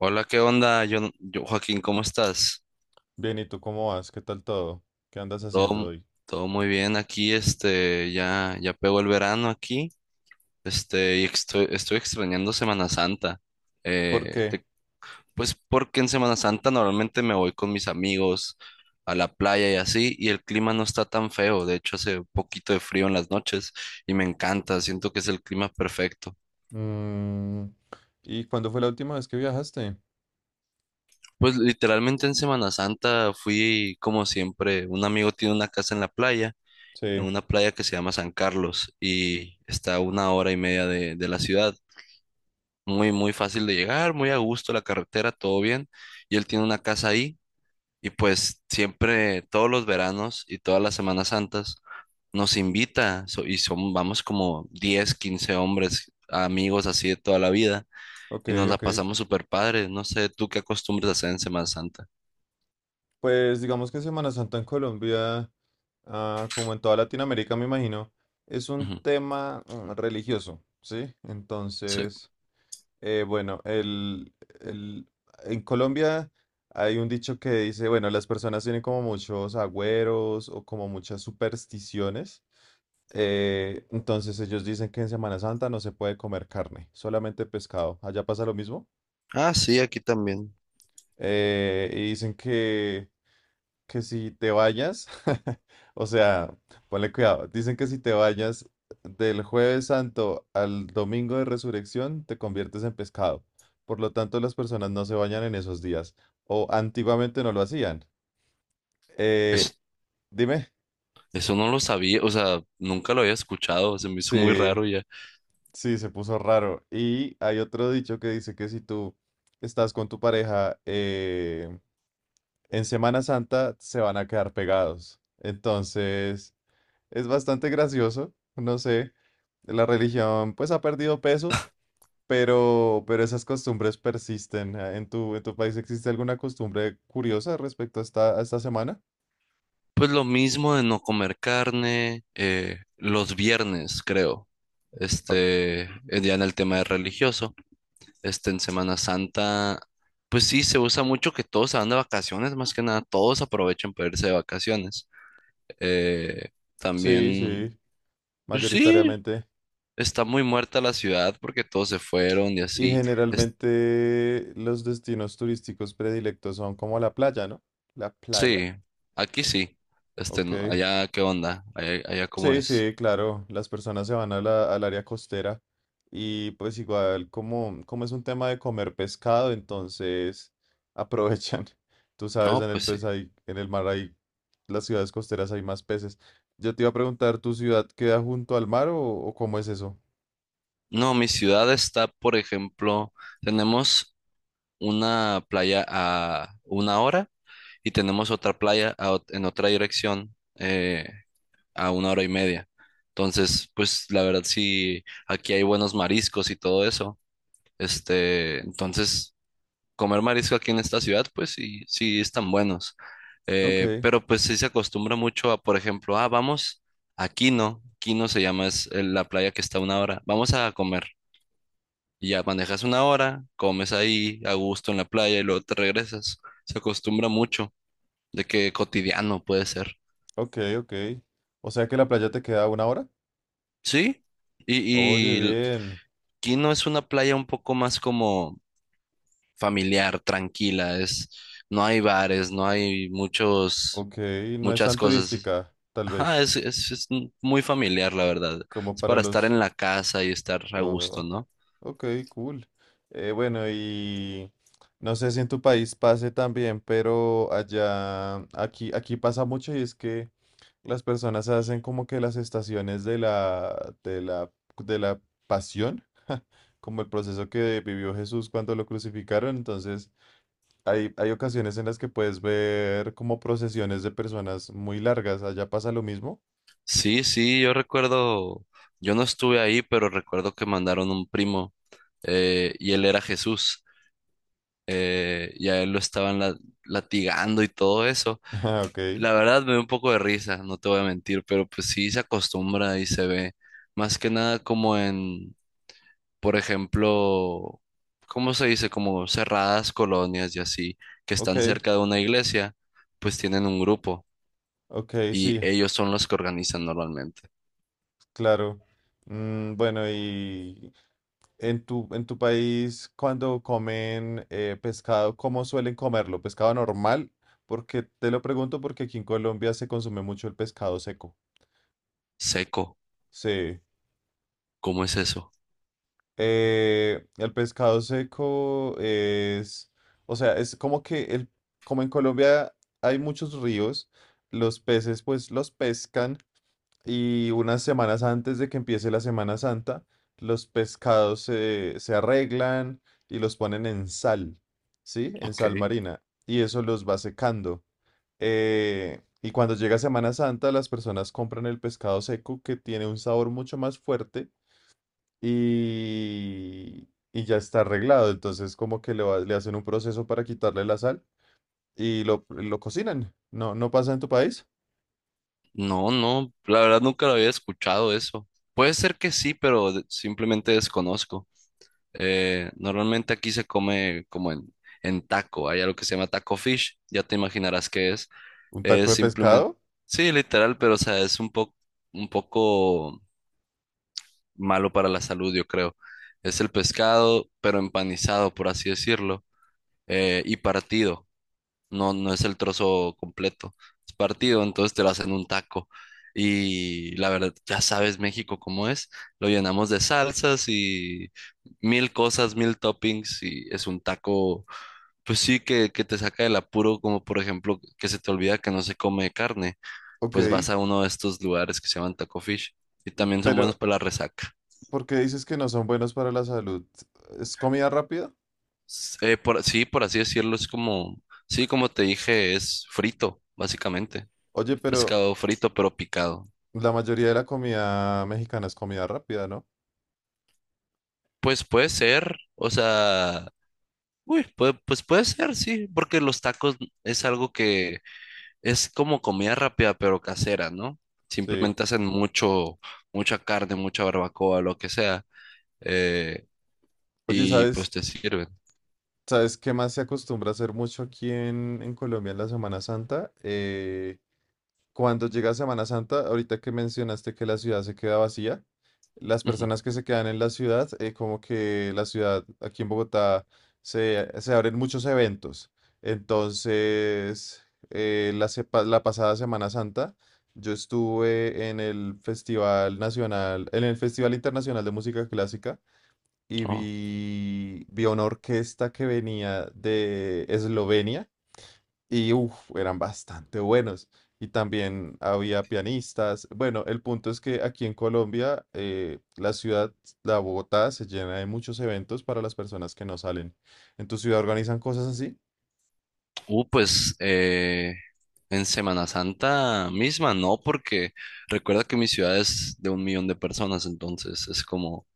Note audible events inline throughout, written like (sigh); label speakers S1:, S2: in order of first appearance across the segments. S1: Hola, ¿qué onda? Joaquín, ¿cómo estás?
S2: Bien, ¿y tú cómo vas? ¿Qué tal todo? ¿Qué andas haciendo
S1: Todo,
S2: hoy?
S1: todo muy bien aquí, ya pegó el verano aquí, y estoy extrañando Semana Santa.
S2: ¿Por
S1: Eh,
S2: qué?
S1: te- pues porque en Semana Santa normalmente me voy con mis amigos a la playa y así, y el clima no está tan feo, de hecho hace un poquito de frío en las noches y me encanta, siento que es el clima perfecto.
S2: Mm, ¿y cuándo fue la última vez que viajaste?
S1: Pues literalmente en Semana Santa fui como siempre, un amigo tiene una casa en la playa. En
S2: Sí,
S1: una playa que se llama San Carlos y está a una hora y media de la ciudad. Muy, muy fácil de llegar, muy a gusto la carretera, todo bien. Y él tiene una casa ahí y pues siempre, todos los veranos y todas las Semanas Santas, nos invita y son, vamos como 10 15 hombres, amigos así de toda la vida
S2: ok,
S1: y nos la
S2: ok.
S1: pasamos súper padre. No sé, ¿tú qué acostumbras a hacer en Semana Santa?
S2: Pues digamos que Semana Santa en Colombia, ah, como en toda Latinoamérica, me imagino, es un
S1: Ujú.
S2: tema religioso, ¿sí?
S1: Sí.
S2: Entonces... bueno, el- en Colombia hay un dicho que dice, bueno, las personas tienen como muchos agüeros o como muchas supersticiones. Entonces ellos dicen que en Semana Santa no se puede comer carne, solamente pescado. Allá pasa lo mismo.
S1: Ah, sí, aquí también.
S2: Y dicen que si te vayas, (laughs) o sea, ponle cuidado, dicen que si te vayas del jueves santo al domingo de resurrección, te conviertes en pescado. Por lo tanto, las personas no se bañan en esos días, o antiguamente no lo hacían. Eh, Dime,
S1: Eso no lo sabía, o sea, nunca lo había escuchado, se me hizo muy
S2: sí,
S1: raro ya.
S2: sí, se puso raro. Y hay otro dicho que dice que si tú estás con tu pareja en Semana Santa, se van a quedar pegados. Entonces... Es bastante gracioso, no sé. La religión pues ha perdido peso, pero esas costumbres persisten. Ah, ¿en tu país existe alguna costumbre curiosa respecto a esta semana?
S1: Pues lo mismo de no comer carne, los viernes, creo.
S2: Oh,
S1: Ya en el tema de religioso, en Semana Santa, pues sí, se usa mucho que todos se van de vacaciones, más que nada, todos aprovechan para irse de vacaciones. Eh,
S2: sí,
S1: también,
S2: sí,
S1: pues sí,
S2: mayoritariamente.
S1: está muy muerta la ciudad porque todos se fueron y
S2: Y
S1: así.
S2: generalmente los destinos turísticos predilectos son como la playa, ¿no? La playa,
S1: Sí, aquí sí. Este,
S2: ok.
S1: no- allá, ¿qué onda? Allá, ¿cómo
S2: Sí,
S1: es?
S2: sí, claro, las personas se van a al área costera y pues igual como, como es un tema de comer pescado, entonces aprovechan. (laughs) Tú sabes,
S1: Oh, pues sí.
S2: en el mar hay, las ciudades costeras hay más peces. Yo te iba a preguntar, ¿tu ciudad queda junto al mar o cómo es eso?
S1: No, mi ciudad está, por ejemplo, tenemos una playa a una hora y tenemos otra playa en otra dirección a una hora y media. Entonces, pues la verdad sí, aquí hay buenos mariscos y todo eso. Entonces comer marisco aquí en esta ciudad, pues sí, sí están buenos. Eh,
S2: Ok,
S1: pero pues sí se acostumbra mucho a, por ejemplo, ah, vamos a Quino, Quino se llama, es la playa que está a una hora, vamos a comer. Y ya manejas una hora, comes ahí a gusto en la playa y luego te regresas. Se acostumbra mucho de que cotidiano puede ser.
S2: ok, ok. O sea que la playa te queda a 1 hora.
S1: Sí,
S2: Oye,
S1: y, y l-
S2: bien.
S1: Quino es una playa un poco más como familiar, tranquila, es, no hay bares, no hay
S2: Ok, no es
S1: muchas
S2: tan
S1: cosas.
S2: turística, tal
S1: Ajá,
S2: vez,
S1: es muy familiar, la verdad.
S2: como
S1: Es
S2: para
S1: para estar en
S2: los...
S1: la casa y estar a gusto,
S2: Oh.
S1: ¿no?
S2: Ok, cool. Bueno, y no sé si en tu país pase también, pero allá, aquí pasa mucho y es que las personas hacen como que las estaciones de la pasión, como el proceso que vivió Jesús cuando lo crucificaron. Entonces, hay ocasiones en las que puedes ver como procesiones de personas muy largas. Allá pasa lo mismo.
S1: Sí, sí, yo recuerdo, yo no estuve ahí, pero recuerdo que mandaron un primo y él era Jesús y a él lo estaban latigando y todo eso.
S2: (laughs) Ah, ok,
S1: La verdad me dio un poco de risa, no te voy a mentir, pero pues sí se acostumbra y se ve más que nada como en... por ejemplo, ¿cómo se dice? Como cerradas colonias y así, que
S2: ok,
S1: están cerca de una iglesia, pues tienen un grupo
S2: ok,
S1: y
S2: sí,
S1: ellos son los que organizan normalmente.
S2: claro. Mm, bueno, y... En tu país, cuando comen pescado, ¿cómo suelen comerlo? ¿Pescado normal? Porque te lo pregunto porque aquí en Colombia se consume mucho el pescado seco.
S1: Seco,
S2: Sí.
S1: ¿cómo es eso?
S2: El pescado seco es, o sea, es como que el, como en Colombia hay muchos ríos, los peces pues los pescan y unas semanas antes de que empiece la Semana Santa, los pescados se arreglan y los ponen en sal, ¿sí? En
S1: Ok.
S2: sal marina. Y eso los va secando. Y cuando llega Semana Santa, las personas compran el pescado seco que tiene un sabor mucho más fuerte y ya está arreglado. Entonces como que le, le hacen un proceso para quitarle la sal y lo cocinan. ¿No, no pasa en tu país?
S1: No, no, la verdad nunca lo había escuchado eso. Puede ser que sí, pero simplemente desconozco. Normalmente aquí se come como en taco, hay algo que se llama taco fish, ya te imaginarás qué es.
S2: ¿Un taco
S1: Es
S2: de
S1: simplemente,
S2: pescado?
S1: sí, literal, pero o sea, es un poco malo para la salud, yo creo. Es el pescado, pero empanizado, por así decirlo, y partido. No, no es el trozo completo. Es partido, entonces te lo hacen un taco. Y la verdad, ya sabes México cómo es. Lo llenamos de salsas y mil cosas, mil toppings y es un taco, pues sí, que te saca del apuro, como por ejemplo que se te olvida que no se come carne,
S2: Ok.
S1: pues vas a uno de estos lugares que se llaman Taco Fish y también son buenos
S2: Pero,
S1: para la resaca.
S2: ¿por qué dices que no son buenos para la salud? ¿Es comida rápida?
S1: Sí, por así decirlo, es como, sí, como te dije, es frito, básicamente.
S2: Oye, pero
S1: Pescado frito, pero picado.
S2: la mayoría de la comida mexicana es comida rápida, ¿no?
S1: Pues puede ser, o sea, uy, pues puede ser, sí, porque los tacos es algo que es como comida rápida, pero casera, ¿no?
S2: Sí.
S1: Simplemente hacen mucha carne, mucha barbacoa, lo que sea, eh,
S2: Oye,
S1: y pues te sirven.
S2: sabes qué más se acostumbra a hacer mucho aquí en Colombia en la Semana Santa? Cuando llega Semana Santa, ahorita que mencionaste que la ciudad se queda vacía, las
S1: Ujú.
S2: personas que se quedan en la ciudad, como que la ciudad aquí en Bogotá se abren muchos eventos. Entonces, la pasada Semana Santa, yo estuve en el Festival Nacional, en el Festival Internacional de Música Clásica y
S1: Oh.
S2: vi una orquesta que venía de Eslovenia y uf, eran bastante buenos. Y también había pianistas. Bueno, el punto es que aquí en Colombia, la Bogotá se llena de muchos eventos para las personas que no salen. ¿En tu ciudad organizan cosas así?
S1: Pues en Semana Santa misma, no, porque recuerda que mi ciudad es de 1 millón de personas, entonces es como,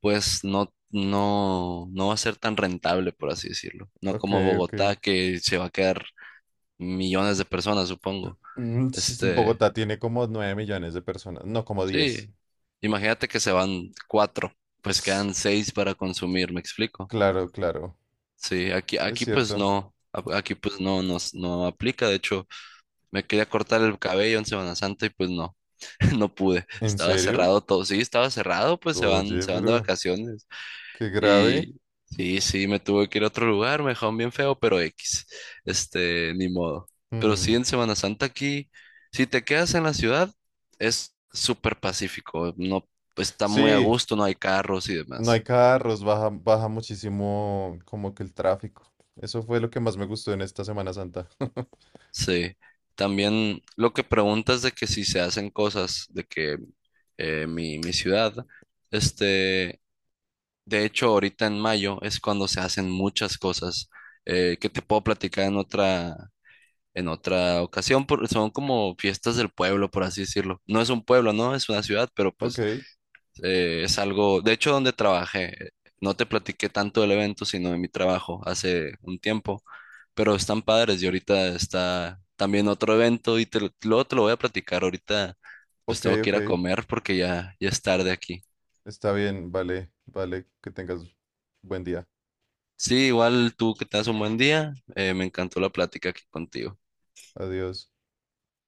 S1: pues no, no, no va a ser tan rentable, por así decirlo. No
S2: Ok,
S1: como
S2: ok.
S1: Bogotá, que se va a quedar millones de personas, supongo.
S2: Mm, sí,
S1: Este,
S2: Bogotá tiene como 9 millones de personas, no como 10.
S1: sí, imagínate que se van cuatro, pues quedan
S2: (sniffs)
S1: seis para consumir, ¿me explico?
S2: Claro, claro,
S1: Sí, aquí,
S2: es
S1: aquí pues
S2: cierto.
S1: no, aquí pues no, no, no aplica, de hecho. Me quería cortar el cabello en Semana Santa y pues no, (laughs) no pude.
S2: ¿En
S1: Estaba
S2: serio?
S1: cerrado todo. Sí, estaba cerrado, pues
S2: Oye,
S1: se van de
S2: pero
S1: vacaciones.
S2: qué grave.
S1: Y sí, sí, me tuve que ir a otro lugar, me dejaron bien feo, pero X. Ni modo. Pero sí,
S2: Mm.
S1: en Semana Santa aquí, si te quedas en la ciudad, es súper pacífico. No, está muy a
S2: Sí,
S1: gusto, no hay carros y
S2: no hay
S1: demás.
S2: carros, baja muchísimo como que el tráfico. Eso fue lo que más me gustó en esta Semana Santa. (laughs)
S1: Sí. También lo que preguntas de que si se hacen cosas, de que mi ciudad. Este, De hecho, ahorita en mayo es cuando se hacen muchas cosas que te puedo platicar en otra ocasión, porque son como fiestas del pueblo, por así decirlo. No es un pueblo, ¿no? Es una ciudad, pero
S2: Ok,
S1: pues es algo, de hecho, donde trabajé, no te platiqué tanto del evento, sino de mi trabajo hace un tiempo, pero están padres y ahorita está también otro evento luego te lo voy a platicar ahorita, pues
S2: ok,
S1: tengo que
S2: ok.
S1: ir a comer porque ya es tarde aquí.
S2: Está bien, vale, que tengas buen día.
S1: Sí, igual tú que tengas un buen día. Me encantó la plática aquí contigo.
S2: Adiós.